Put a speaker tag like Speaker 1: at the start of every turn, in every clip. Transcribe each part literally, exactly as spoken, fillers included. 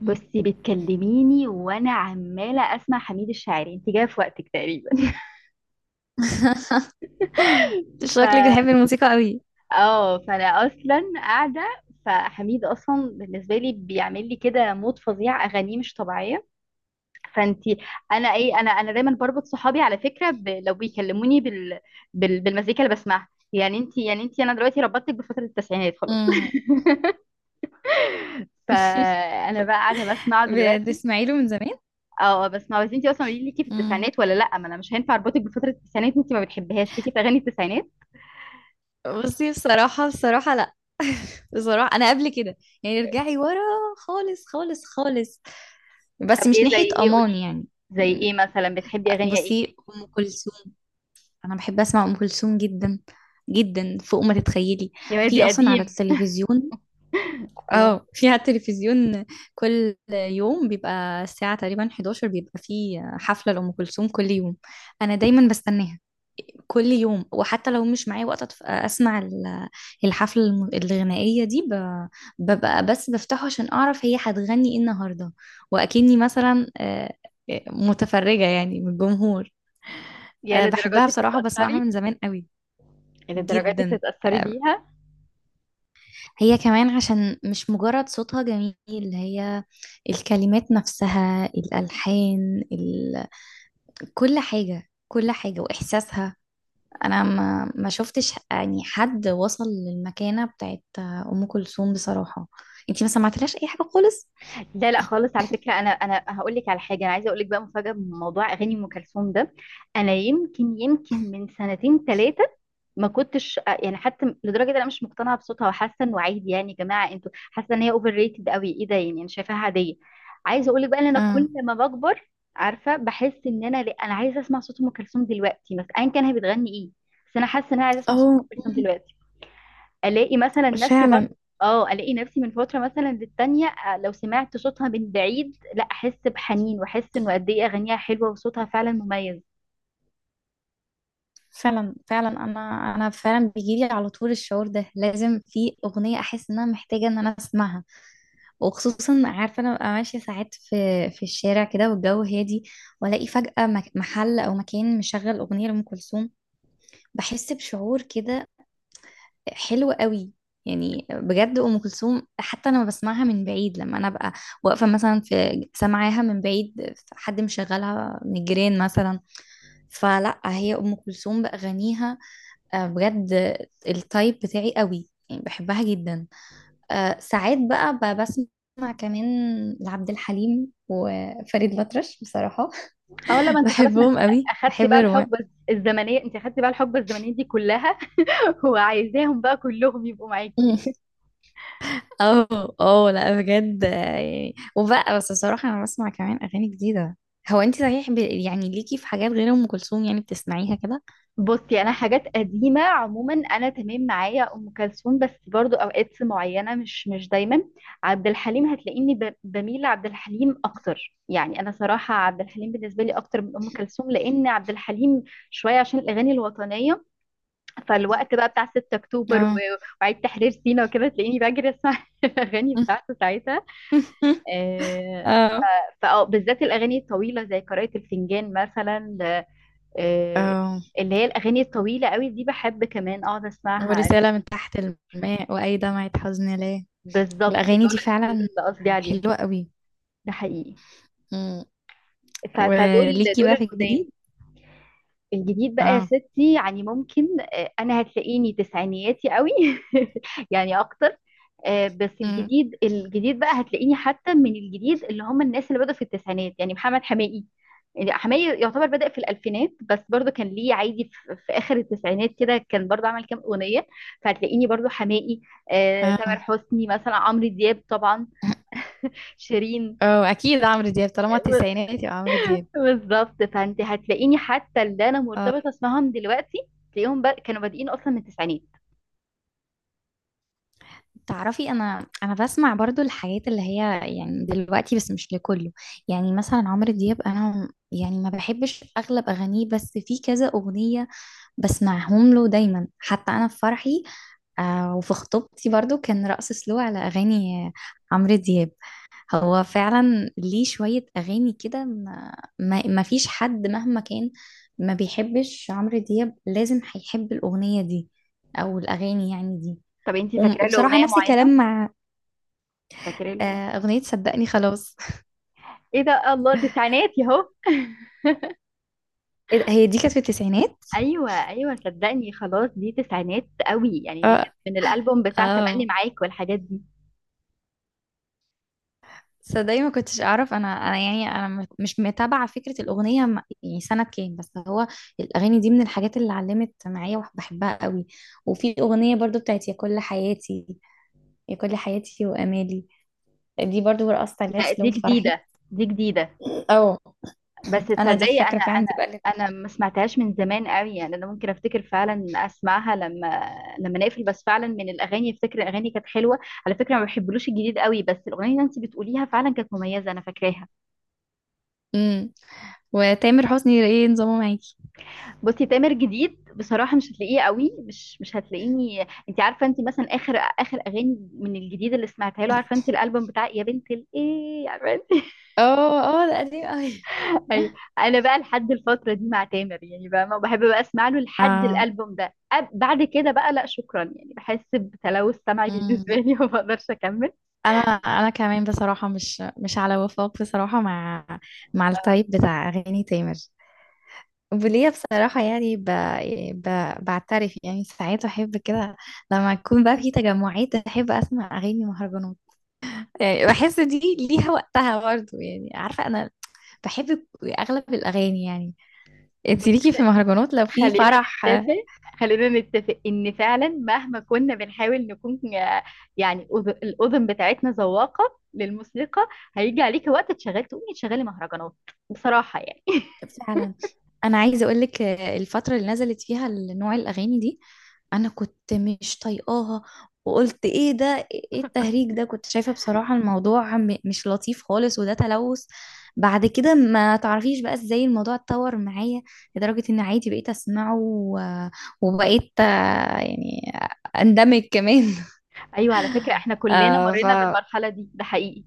Speaker 1: بصي، بتكلميني وانا عماله اسمع حميد الشاعري، انت جايه في وقتك تقريبا. ف
Speaker 2: شكلك بتحبي الموسيقى قوي.
Speaker 1: اه فانا اصلا قاعده، فحميد اصلا بالنسبه لي بيعمل لي كده مود فظيع، اغانيه مش طبيعيه. فانت انا ايه انا انا دايما بربط صحابي على فكره ب... لو بيكلموني بال... بال... بالمزيكا اللي بسمعها، يعني انت، يعني انت انا دلوقتي ربطتك بفتره التسعينات خلاص.
Speaker 2: امم
Speaker 1: فانا بقى قاعده بسمعه دلوقتي.
Speaker 2: بتسمعي له من زمان.
Speaker 1: اه. آه، بس، ما بس انتي اصلا قولي لي، ليكي في
Speaker 2: امم
Speaker 1: التسعينات ولا لا؟ ما انا مش هينفع اربطك بفتره التسعينات، انتي ما بتحبيهاش. ليكي في اغاني التسعينات؟
Speaker 2: بصي، بصراحة بصراحة لا. بصراحة أنا قبل كده، يعني ارجعي ورا خالص خالص خالص،
Speaker 1: طب
Speaker 2: بس مش
Speaker 1: ايه؟ زي
Speaker 2: ناحية
Speaker 1: ايه؟
Speaker 2: أمان
Speaker 1: قولي لي،
Speaker 2: يعني.
Speaker 1: زي ايه مثلا بتحبي اغاني ايه؟
Speaker 2: بصي، أم كلثوم. أنا بحب أسمع أم كلثوم جدا، جدا فوق ما تتخيلي.
Speaker 1: يا وادي
Speaker 2: في أصلا على
Speaker 1: قديم.
Speaker 2: التلفزيون.
Speaker 1: آه.
Speaker 2: اه، في على التلفزيون. كل يوم بيبقى الساعة تقريبا حداشر بيبقى في حفلة لأم كلثوم كل يوم. أنا دايما بستناها كل يوم. وحتى لو مش معايا وقت أتف- أسمع ال- الحفلة الم- الغنائية دي ب- ببقى بس بفتحه عشان أعرف هي هتغني إيه النهاردة. وأكني مثلا، آه، آه، متفرجة يعني من الجمهور.
Speaker 1: يا
Speaker 2: آه،
Speaker 1: للدرجات
Speaker 2: بحبها
Speaker 1: دي
Speaker 2: بصراحة وبسمعها
Speaker 1: بتتاثري،
Speaker 2: من زمان قوي،
Speaker 1: يا للدرجات دي
Speaker 2: جدا.
Speaker 1: بتتاثري
Speaker 2: آه،
Speaker 1: بيها.
Speaker 2: هي كمان عشان مش مجرد صوتها جميل. هي الكلمات نفسها، الألحان ال... كل حاجة كل حاجة وإحساسها. أنا ما, ما شفتش يعني حد وصل للمكانة بتاعت أم كلثوم بصراحة. أنتي ما سمعتلهاش أي حاجة خالص؟
Speaker 1: لا لا خالص، على فكره انا انا هقول لك على حاجه، انا عايزه اقول لك بقى مفاجاه من موضوع اغاني ام كلثوم ده. انا يمكن، يمكن من سنتين ثلاثه ما كنتش آه، يعني، حتى لدرجه ان انا مش مقتنعه بصوتها، وحاسه انه عادي. يعني يا جماعه انتوا حاسه ان هي اوفر ريتد قوي؟ ايه ده يعني، انا شايفاها عاديه. عايزه اقول لك بقى ان انا
Speaker 2: اه.
Speaker 1: كل ما بكبر، عارفه، بحس ان انا لا، انا عايزه اسمع صوت ام كلثوم دلوقتي، مثلا ايا كان هي بتغني ايه. بس انا حاسه ان انا عايزه اسمع صوت ام
Speaker 2: أو
Speaker 1: كلثوم
Speaker 2: مم.
Speaker 1: دلوقتي، الاقي مثلا نفسي برضه.
Speaker 2: فعلا
Speaker 1: اه الاقي نفسي من فتره مثلا للتانيه، آه، لو سمعت صوتها من بعيد لا احس بحنين، واحس انه قد ايه اغانيها حلوه وصوتها فعلا مميز.
Speaker 2: فعلا فعلا أنا أنا فعلا بيجيلي على طول الشعور ده، لازم في أغنية أحس إن أنا محتاجة إن أنا أسمعها. وخصوصا عارفه انا ببقى ماشيه ساعات في في الشارع كده والجو هادي، والاقي فجاه مك- محل او مكان مشغل اغنيه لام كلثوم. بحس بشعور كده حلو قوي. يعني بجد ام كلثوم حتى انا بسمعها من بعيد، لما انا ببقى واقفه مثلا في، سامعاها من بعيد حد مشغلها من الجيران مثلا. فلا، هي ام كلثوم باغانيها، آه، بجد التايب بتاعي قوي، يعني بحبها جدا. آه، ساعات بقى ب- بسمع كمان لعبد الحليم وفريد الأطرش بصراحة.
Speaker 1: اه لا، ما انت خلاص، ما انت
Speaker 2: بحبهم
Speaker 1: خ-
Speaker 2: قوي،
Speaker 1: اخدتي
Speaker 2: بحب
Speaker 1: بقى
Speaker 2: الرومان.
Speaker 1: الحقبه الزمنيه، انت اخدتي بقى الحقبه الزمنيه دي كلها. وعايزاهم بقى كلهم يبقوا
Speaker 2: مم.
Speaker 1: معاكي.
Speaker 2: اه، اه، لا بجد. آه، يعني وبقى بس بصراحة أنا بسمع كمان أغاني جديدة. هو أنت صحيح ب... يعني ليكي في حاجات غير أم كلثوم يعني بتسمعيها كده؟
Speaker 1: بصي انا، حاجات قديمه عموما انا تمام، معايا ام كلثوم بس برضو اوقات معينه، مش مش دايما. عبد الحليم هتلاقيني ب- بميل لعبد الحليم اكتر، يعني انا صراحه عبد الحليم بالنسبه لي اكتر من ام كلثوم، لان عبد الحليم شويه عشان الاغاني الوطنيه. فالوقت بقى بتاع ستة أكتوبر اكتوبر و-
Speaker 2: اه.
Speaker 1: وعيد تحرير سيناء وكده، تلاقيني بجري اسمع الاغاني بتاعته ساعتها. آه،
Speaker 2: اه،
Speaker 1: فأه بالذات الأغاني الطويلة زي قراءة الفنجان مثلا. آه،
Speaker 2: اه،
Speaker 1: اللي هي الأغاني الطويلة قوي دي، بحب كمان أقعد أسمعها.
Speaker 2: ورسالة من تحت الماء، وأي دمعة حزن ليه.
Speaker 1: بالظبط
Speaker 2: الأغاني
Speaker 1: دول،
Speaker 2: دي
Speaker 1: دول
Speaker 2: فعلا
Speaker 1: اللي قصدي عليهم،
Speaker 2: حلوة قوي.
Speaker 1: ده حقيقي.
Speaker 2: مم.
Speaker 1: ف- فدول،
Speaker 2: وليكي
Speaker 1: دول
Speaker 2: بقى في
Speaker 1: القدام.
Speaker 2: الجديد؟
Speaker 1: الجديد بقى يا
Speaker 2: اه.
Speaker 1: ستي، يعني ممكن، آه، أنا هتلاقيني تسعينياتي قوي، يعني أكتر. آه، بس
Speaker 2: مم.
Speaker 1: الجديد الجديد بقى هتلاقيني حتى من الجديد اللي هم الناس اللي بدأوا في التسعينات، يعني محمد حماقي. يعني حماقي يعتبر بدأ في الألفينات، بس برضو كان ليه عادي في, في آخر التسعينات كده، كان برضو عمل كام أغنية. فهتلاقيني برضو حماقي، آه، تامر
Speaker 2: اه،
Speaker 1: حسني مثلا، عمرو دياب طبعا، شيرين.
Speaker 2: اه، اكيد عمرو دياب، طالما التسعينات يبقى عمرو دياب.
Speaker 1: بالظبط، فانت هتلاقيني حتى اللي انا
Speaker 2: آه،
Speaker 1: مرتبطه اسمهم دلوقتي، تلاقيهم بر... كانوا بادئين اصلا من التسعينات.
Speaker 2: تعرفي انا انا بسمع برضو الحاجات اللي هي يعني دلوقتي، بس مش لكله. يعني مثلا عمرو دياب، انا يعني ما بحبش اغلب اغانيه، بس في كذا اغنية بسمعهم له دايما. حتى انا في فرحي، آه، وفي خطوبتي برضو كان رقص سلو على اغاني عمرو دياب. هو فعلا ليه شوية أغاني كده، ما, ما, ما فيش حد مهما كان ما بيحبش عمرو دياب لازم هيحب الأغنية دي، أو الأغاني يعني دي.
Speaker 1: طب انت
Speaker 2: وم-
Speaker 1: فاكره له
Speaker 2: وبصراحة
Speaker 1: اغنيه
Speaker 2: نفس
Speaker 1: معينه؟
Speaker 2: الكلام مع،
Speaker 1: فاكره له؟
Speaker 2: آه، أغنية صدقني خلاص.
Speaker 1: ايه ده، الله، تسعينات يهو.
Speaker 2: إيه ده، هي دي كانت في التسعينات.
Speaker 1: ايوه ايوه، صدقني خلاص دي تسعينات قوي، يعني دي
Speaker 2: اه،
Speaker 1: كانت من الالبوم بتاع تملي
Speaker 2: اه،
Speaker 1: معاك والحاجات دي.
Speaker 2: صدقني، ما كنتش أعرف. أنا أنا يعني أنا م- مش متابعة فكرة الأغنية م- يعني سنة كام. بس هو الأغاني دي من الحاجات اللي علمت معايا وبحبها قوي. وفي أغنية برضو بتاعت يا كل حياتي، يا كل حياتي وامالي. دي برضو رقصت عليها
Speaker 1: لا
Speaker 2: سلو
Speaker 1: دي
Speaker 2: في فرحي.
Speaker 1: جديده، دي جديده.
Speaker 2: اه،
Speaker 1: بس
Speaker 2: انا دي
Speaker 1: تصدقي
Speaker 2: فاكره
Speaker 1: انا،
Speaker 2: فعلا،
Speaker 1: انا
Speaker 2: دي بقى اللي،
Speaker 1: انا ما سمعتهاش من زمان قوي، يعني انا ممكن افتكر فعلا اسمعها لما، لما نقفل. بس فعلا من الاغاني، افتكر الاغاني كانت حلوه. على فكره ما بحبلوش الجديد قوي، بس الاغنيه اللي انت بتقوليها فعلا كانت مميزه، انا فاكراها.
Speaker 2: امم. وتامر حسني ايه نظامه معاكي؟
Speaker 1: بصي تامر جديد بصراحة مش هتلاقيه قوي، مش مش هتلاقيني. انت عارفة انت، مثلا اخر اخر اغاني من الجديد اللي سمعتها له، عارفة انت، الالبوم بتاع يا بنت الايه، عارفة انت.
Speaker 2: اه، اه، ده قديم قوي.
Speaker 1: ايوه، انا بقى لحد الفترة دي مع تامر، يعني بقى ما بحب بقى اسمع له لحد
Speaker 2: اه.
Speaker 1: الالبوم ده. أب- بعد كده بقى لا شكرا، يعني بحس بتلوث سمعي بالنسبة
Speaker 2: امم
Speaker 1: لي. وما بقدرش اكمل.
Speaker 2: انا انا كمان بصراحه مش مش على وفاق بصراحه مع، مع التايب بتاع اغاني تامر. وليا بصراحه يعني ب... ب... بعترف يعني ساعات احب كده، لما تكون بقى في تجمعات احب اسمع اغاني مهرجانات. يعني بحس دي ليها وقتها برضه. يعني عارفه انا بحب اغلب الاغاني يعني. انت ليكي في مهرجانات لو في
Speaker 1: خلينا
Speaker 2: فرح؟
Speaker 1: نتفق، خلينا نتفق ان فعلا مهما كنا بنحاول نكون آه، يعني، أذ- الاذن بتاعتنا ذواقه للموسيقى، هيجي عليك وقت تشغل، تقومي تشغلي مهرجانات بصراحه يعني.
Speaker 2: فعلا، انا عايزه اقول لك الفتره اللي نزلت فيها نوع الاغاني دي، انا كنت مش طايقاها، وقلت ايه ده، ايه التهريج ده. كنت شايفه بصراحه الموضوع م- مش لطيف خالص وده تلوث. بعد كده، ما تعرفيش بقى ازاي الموضوع اتطور معايا، لدرجه ان عادي بقيت اسمعه و- وبقيت آه، يعني اندمج كمان.
Speaker 1: ايوه على فكره، احنا كلنا
Speaker 2: آه، ف،
Speaker 1: مرينا بالمرحله دي، ده حقيقي.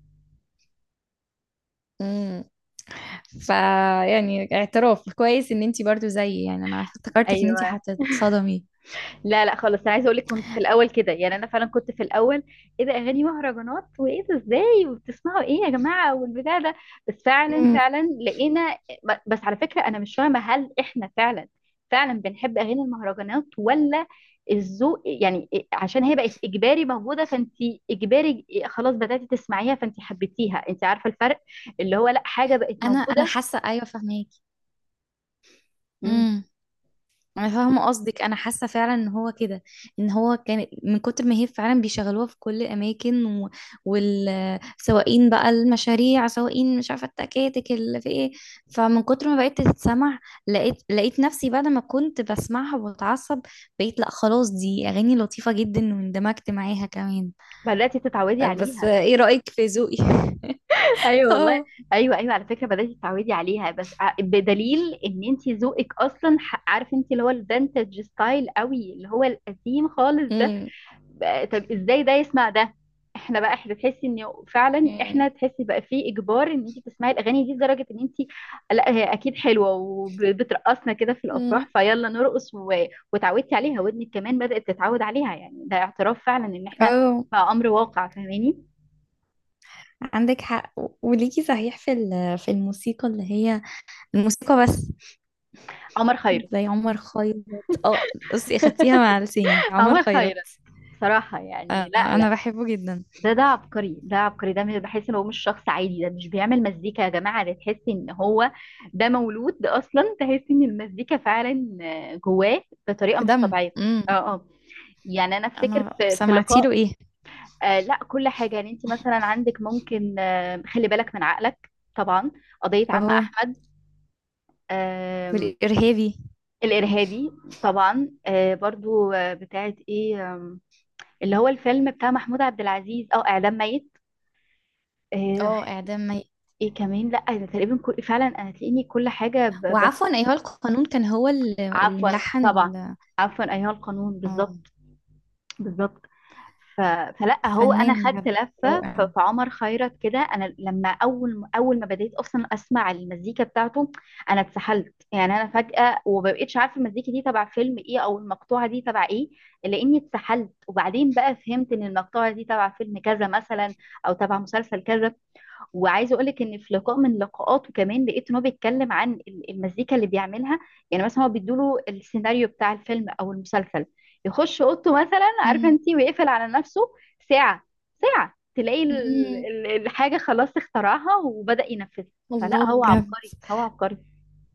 Speaker 2: فيعني اعتراف كويس ان انتي برضو زيي. يعني انا افتكرتك ان انتي
Speaker 1: ايوه
Speaker 2: هتتصدمي.
Speaker 1: لا لا خالص، انا عايزه اقول لك كنت في الاول كده، يعني انا فعلا كنت في الاول، ايه ده اغاني مهرجانات، وايه ده ازاي، وبتسمعوا ايه يا جماعه، والبتاع ده. بس فعلا
Speaker 2: مم.
Speaker 1: فعلا لقينا. بس على فكره انا مش فاهمه، هل احنا فعلا فعلا بنحب اغاني المهرجانات، ولا الذوق، يعني عشان هي بقت اجباري موجوده، فانت اجباري خلاص بداتي تسمعيها فانت حبيتيها. انت عارفه الفرق، اللي هو لا، حاجه بقت
Speaker 2: انا انا
Speaker 1: موجوده.
Speaker 2: حاسه ايوه، فاهماكي.
Speaker 1: مم.
Speaker 2: امم انا فاهمه قصدك، انا حاسه فعلا ان هو كده، ان هو كان من كتر ما هي فعلا بيشغلوها في كل الاماكن و، والسواقين بقى المشاريع، سواقين مش عارفه التكاتك اللي في ايه. فمن كتر ما بقيت تتسمع، لقيت لقيت نفسي بعد ما كنت بسمعها وبتعصب، بقيت لا خلاص، دي اغاني لطيفه جدا واندمجت معاها كمان.
Speaker 1: بداتي تتعودي
Speaker 2: طيب، بس
Speaker 1: عليها.
Speaker 2: ايه رأيك في ذوقي؟
Speaker 1: ايوه والله،
Speaker 2: اه.
Speaker 1: ايوه ايوه على فكره بدات تتعودي عليها، بس ع- بدليل ان انت ذوقك اصلا، ح- عارف انت، اللي هو الفانتج ستايل قوي اللي هو القديم خالص ده.
Speaker 2: امم
Speaker 1: بقى- طب ازاي ده يسمع ده؟ احنا بقى، احنا تحسي ان فعلا
Speaker 2: امم
Speaker 1: احنا تحسي بقى في اجبار ان انت تسمعي الاغاني دي، لدرجه ان انت، لا هي اكيد حلوه، وبترقصنا كده في
Speaker 2: أمم.
Speaker 1: الافراح، فيلا نرقص و... وتعودتي عليها، ودنك كمان بدات تتعود عليها. يعني ده اعتراف فعلا ان احنا
Speaker 2: اه،
Speaker 1: بقى امر واقع، فاهماني.
Speaker 2: عندك حق. و- وليكي صحيح في ال- في الموسيقى اللي هي الموسيقى بس.
Speaker 1: عمر خيرت،
Speaker 2: زي عمر خيرت. اه، بصي اخدتيها مع لساني، عمر
Speaker 1: عمر
Speaker 2: خيرت.
Speaker 1: خيرت بصراحة
Speaker 2: آه،
Speaker 1: يعني، لا
Speaker 2: انا
Speaker 1: لا،
Speaker 2: بحبه جدا.
Speaker 1: ده، ده عبقري، ده عبقري، ده مش- بحس ان هو مش شخص عادي، ده مش بيعمل مزيكا يا جماعة، ده تحس ان هو، ده مولود، ده اصلا تحس ان المزيكا فعلا آه، جواه بطريقة
Speaker 2: في
Speaker 1: مش
Speaker 2: دمه.
Speaker 1: طبيعية. اه
Speaker 2: امم.
Speaker 1: اه، يعني انا افتكر
Speaker 2: انا
Speaker 1: في في
Speaker 2: سمعتي له
Speaker 1: لقاء.
Speaker 2: ايه؟
Speaker 1: آه لا كل حاجة، يعني انت مثلا عندك ممكن، آه خلي بالك من عقلك طبعا، قضية عم
Speaker 2: اه،
Speaker 1: احمد، آه
Speaker 2: والارهابي.
Speaker 1: الارهابي، طبعا، آه برضو، آه بتاعت ايه، آه اللي هو الفيلم بتاع محمود عبد العزيز، او اعدام ميت. آه،
Speaker 2: اه، اعدام مي،
Speaker 1: ايه كمان، لا أنا تقريبا كل، فعلا انا تلاقيني كل حاجه ب... بس،
Speaker 2: وعفوا ايها القانون كان هو اللي اللي
Speaker 1: عفوا
Speaker 2: ملحن
Speaker 1: طبعا
Speaker 2: ال-
Speaker 1: عفوا ايها القانون،
Speaker 2: اه،
Speaker 1: بالظبط بالظبط. ف... فلا هو، انا
Speaker 2: فنان
Speaker 1: خدت
Speaker 2: بجد،
Speaker 1: لفه، ف...
Speaker 2: رائع.
Speaker 1: فعمر خيرت كده، انا لما اول اول ما بديت اصلا اسمع المزيكا بتاعته، انا اتسحلت، يعني انا فجاه ومبقتش عارفه المزيكا دي تبع فيلم ايه، او المقطوعه دي تبع ايه، لاني اتسحلت. وبعدين بقى فهمت ان المقطوعه دي تبع فيلم كذا مثلا، او تبع مسلسل كذا. وعايزه اقول لك ان في لقاء من لقاءاته كمان، لقيت ان هو بيتكلم عن ال- المزيكا اللي بيعملها، يعني مثلا هو بيدوله السيناريو بتاع الفيلم او المسلسل، يخش اوضته مثلا، عارفه انت، ويقفل على نفسه ساعه، ساعه تلاقي ال-
Speaker 2: مم.
Speaker 1: ال- الحاجه خلاص اخترعها وبدأ ينفذها. فلا
Speaker 2: الله،
Speaker 1: هو
Speaker 2: بجد
Speaker 1: عبقري، هو عبقري.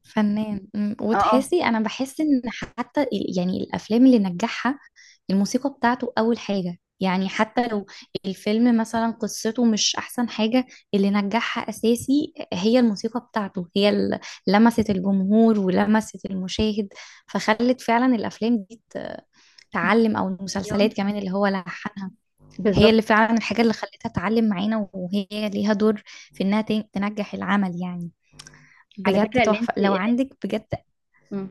Speaker 2: فنان. مم.
Speaker 1: اه اه،
Speaker 2: وتحسي انا بحس ان حتى ال- يعني الافلام اللي نجحها الموسيقى بتاعته اول حاجة، يعني حتى لو الفيلم مثلا قصته مش احسن حاجة، اللي نجحها اساسي هي الموسيقى بتاعته، هي اللي لمست الجمهور ولمست المشاهد، فخلت فعلا الافلام دي ت- تعلم، او
Speaker 1: مليون
Speaker 2: المسلسلات
Speaker 1: في
Speaker 2: كمان اللي
Speaker 1: المية.
Speaker 2: هو لحنها، هي
Speaker 1: بالظبط.
Speaker 2: اللي فعلا الحاجة اللي خلتها تعلم معانا، وهي ليها دور في انها تن- تنجح العمل يعني.
Speaker 1: على
Speaker 2: بجد
Speaker 1: فكره اللي انت،
Speaker 2: تحفة لو
Speaker 1: اللي انت
Speaker 2: عندك، بجد.
Speaker 1: مم.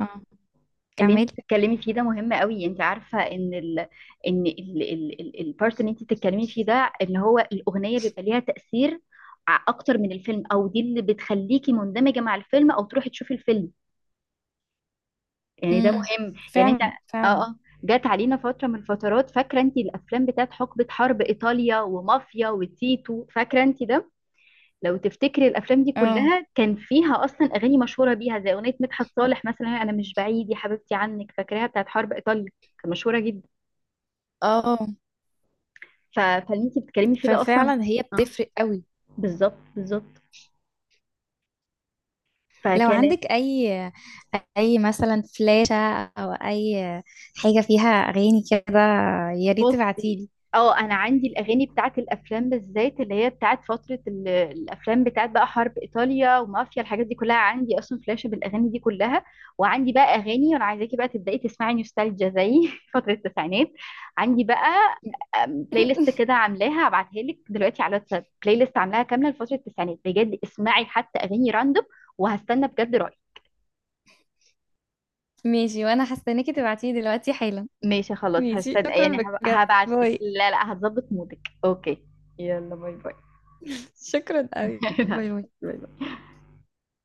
Speaker 2: اه،
Speaker 1: اللي انت
Speaker 2: كملي.
Speaker 1: بتتكلمي فيه ده مهم قوي. انت عارفه ان ال ان ال ال ال البارت اللي انت بتتكلمي فيه ده، ان هو الاغنيه بيبقى ليها تاثير ع- اكتر من الفيلم، او دي اللي بتخليكي مندمجه مع الفيلم، او تروحي تشوفي الفيلم. يعني ده
Speaker 2: امم.
Speaker 1: مهم، يعني انت.
Speaker 2: فعلا
Speaker 1: اه
Speaker 2: فعلا.
Speaker 1: اه. جات علينا فتره من الفترات، فاكره انت الافلام بتاعت حقبه حرب ايطاليا ومافيا وتيتو، فاكره انت ده. لو تفتكري الافلام دي
Speaker 2: اه،
Speaker 1: كلها كان فيها اصلا اغاني مشهوره بيها، زي اغنيه مدحت صالح مثلا انا مش بعيد يا حبيبتي عنك، فاكراها، بتاعت حرب ايطاليا، كانت مشهوره جدا.
Speaker 2: اه،
Speaker 1: ف- فاللي انت بتتكلمي فيه ده اصلا،
Speaker 2: ففعلا هي
Speaker 1: اه،
Speaker 2: بتفرق قوي.
Speaker 1: بالظبط بالظبط.
Speaker 2: لو
Speaker 1: فكانت،
Speaker 2: عندك اي، اي مثلا فلاشة، او اي حاجة فيها اغاني كده، يا ريت
Speaker 1: بصي،
Speaker 2: تبعتيلي.
Speaker 1: اه انا عندي الاغاني بتاعت الافلام بالذات اللي هي بتاعت فتره ال- الافلام بتاعت بقى حرب ايطاليا ومافيا، الحاجات دي كلها عندي اصلا فلاشه بالاغاني دي كلها. وعندي بقى اغاني، وانا عايزاكي بقى تبداي تسمعي نوستالجيا زي فتره التسعينات. عندي بقى أم، بلاي ليست كده عاملاها، هبعتها لك دلوقتي على الواتساب، بلاي ليست عاملاها كامله لفتره التسعينات، بجد اسمعي حتى اغاني راندوم، وهستنى بجد رايك.
Speaker 2: ماشي، وانا هستناكي تبعتيلي دلوقتي حالا.
Speaker 1: ماشي خلاص،
Speaker 2: ماشي،
Speaker 1: هستنى
Speaker 2: شكرا،
Speaker 1: يعني، هب-
Speaker 2: بجد،
Speaker 1: هبعت لك،
Speaker 2: باي.
Speaker 1: لا لا هتظبط مودك. اوكي، يلا باي باي.
Speaker 2: شكرا قوي، باي باي.
Speaker 1: لا.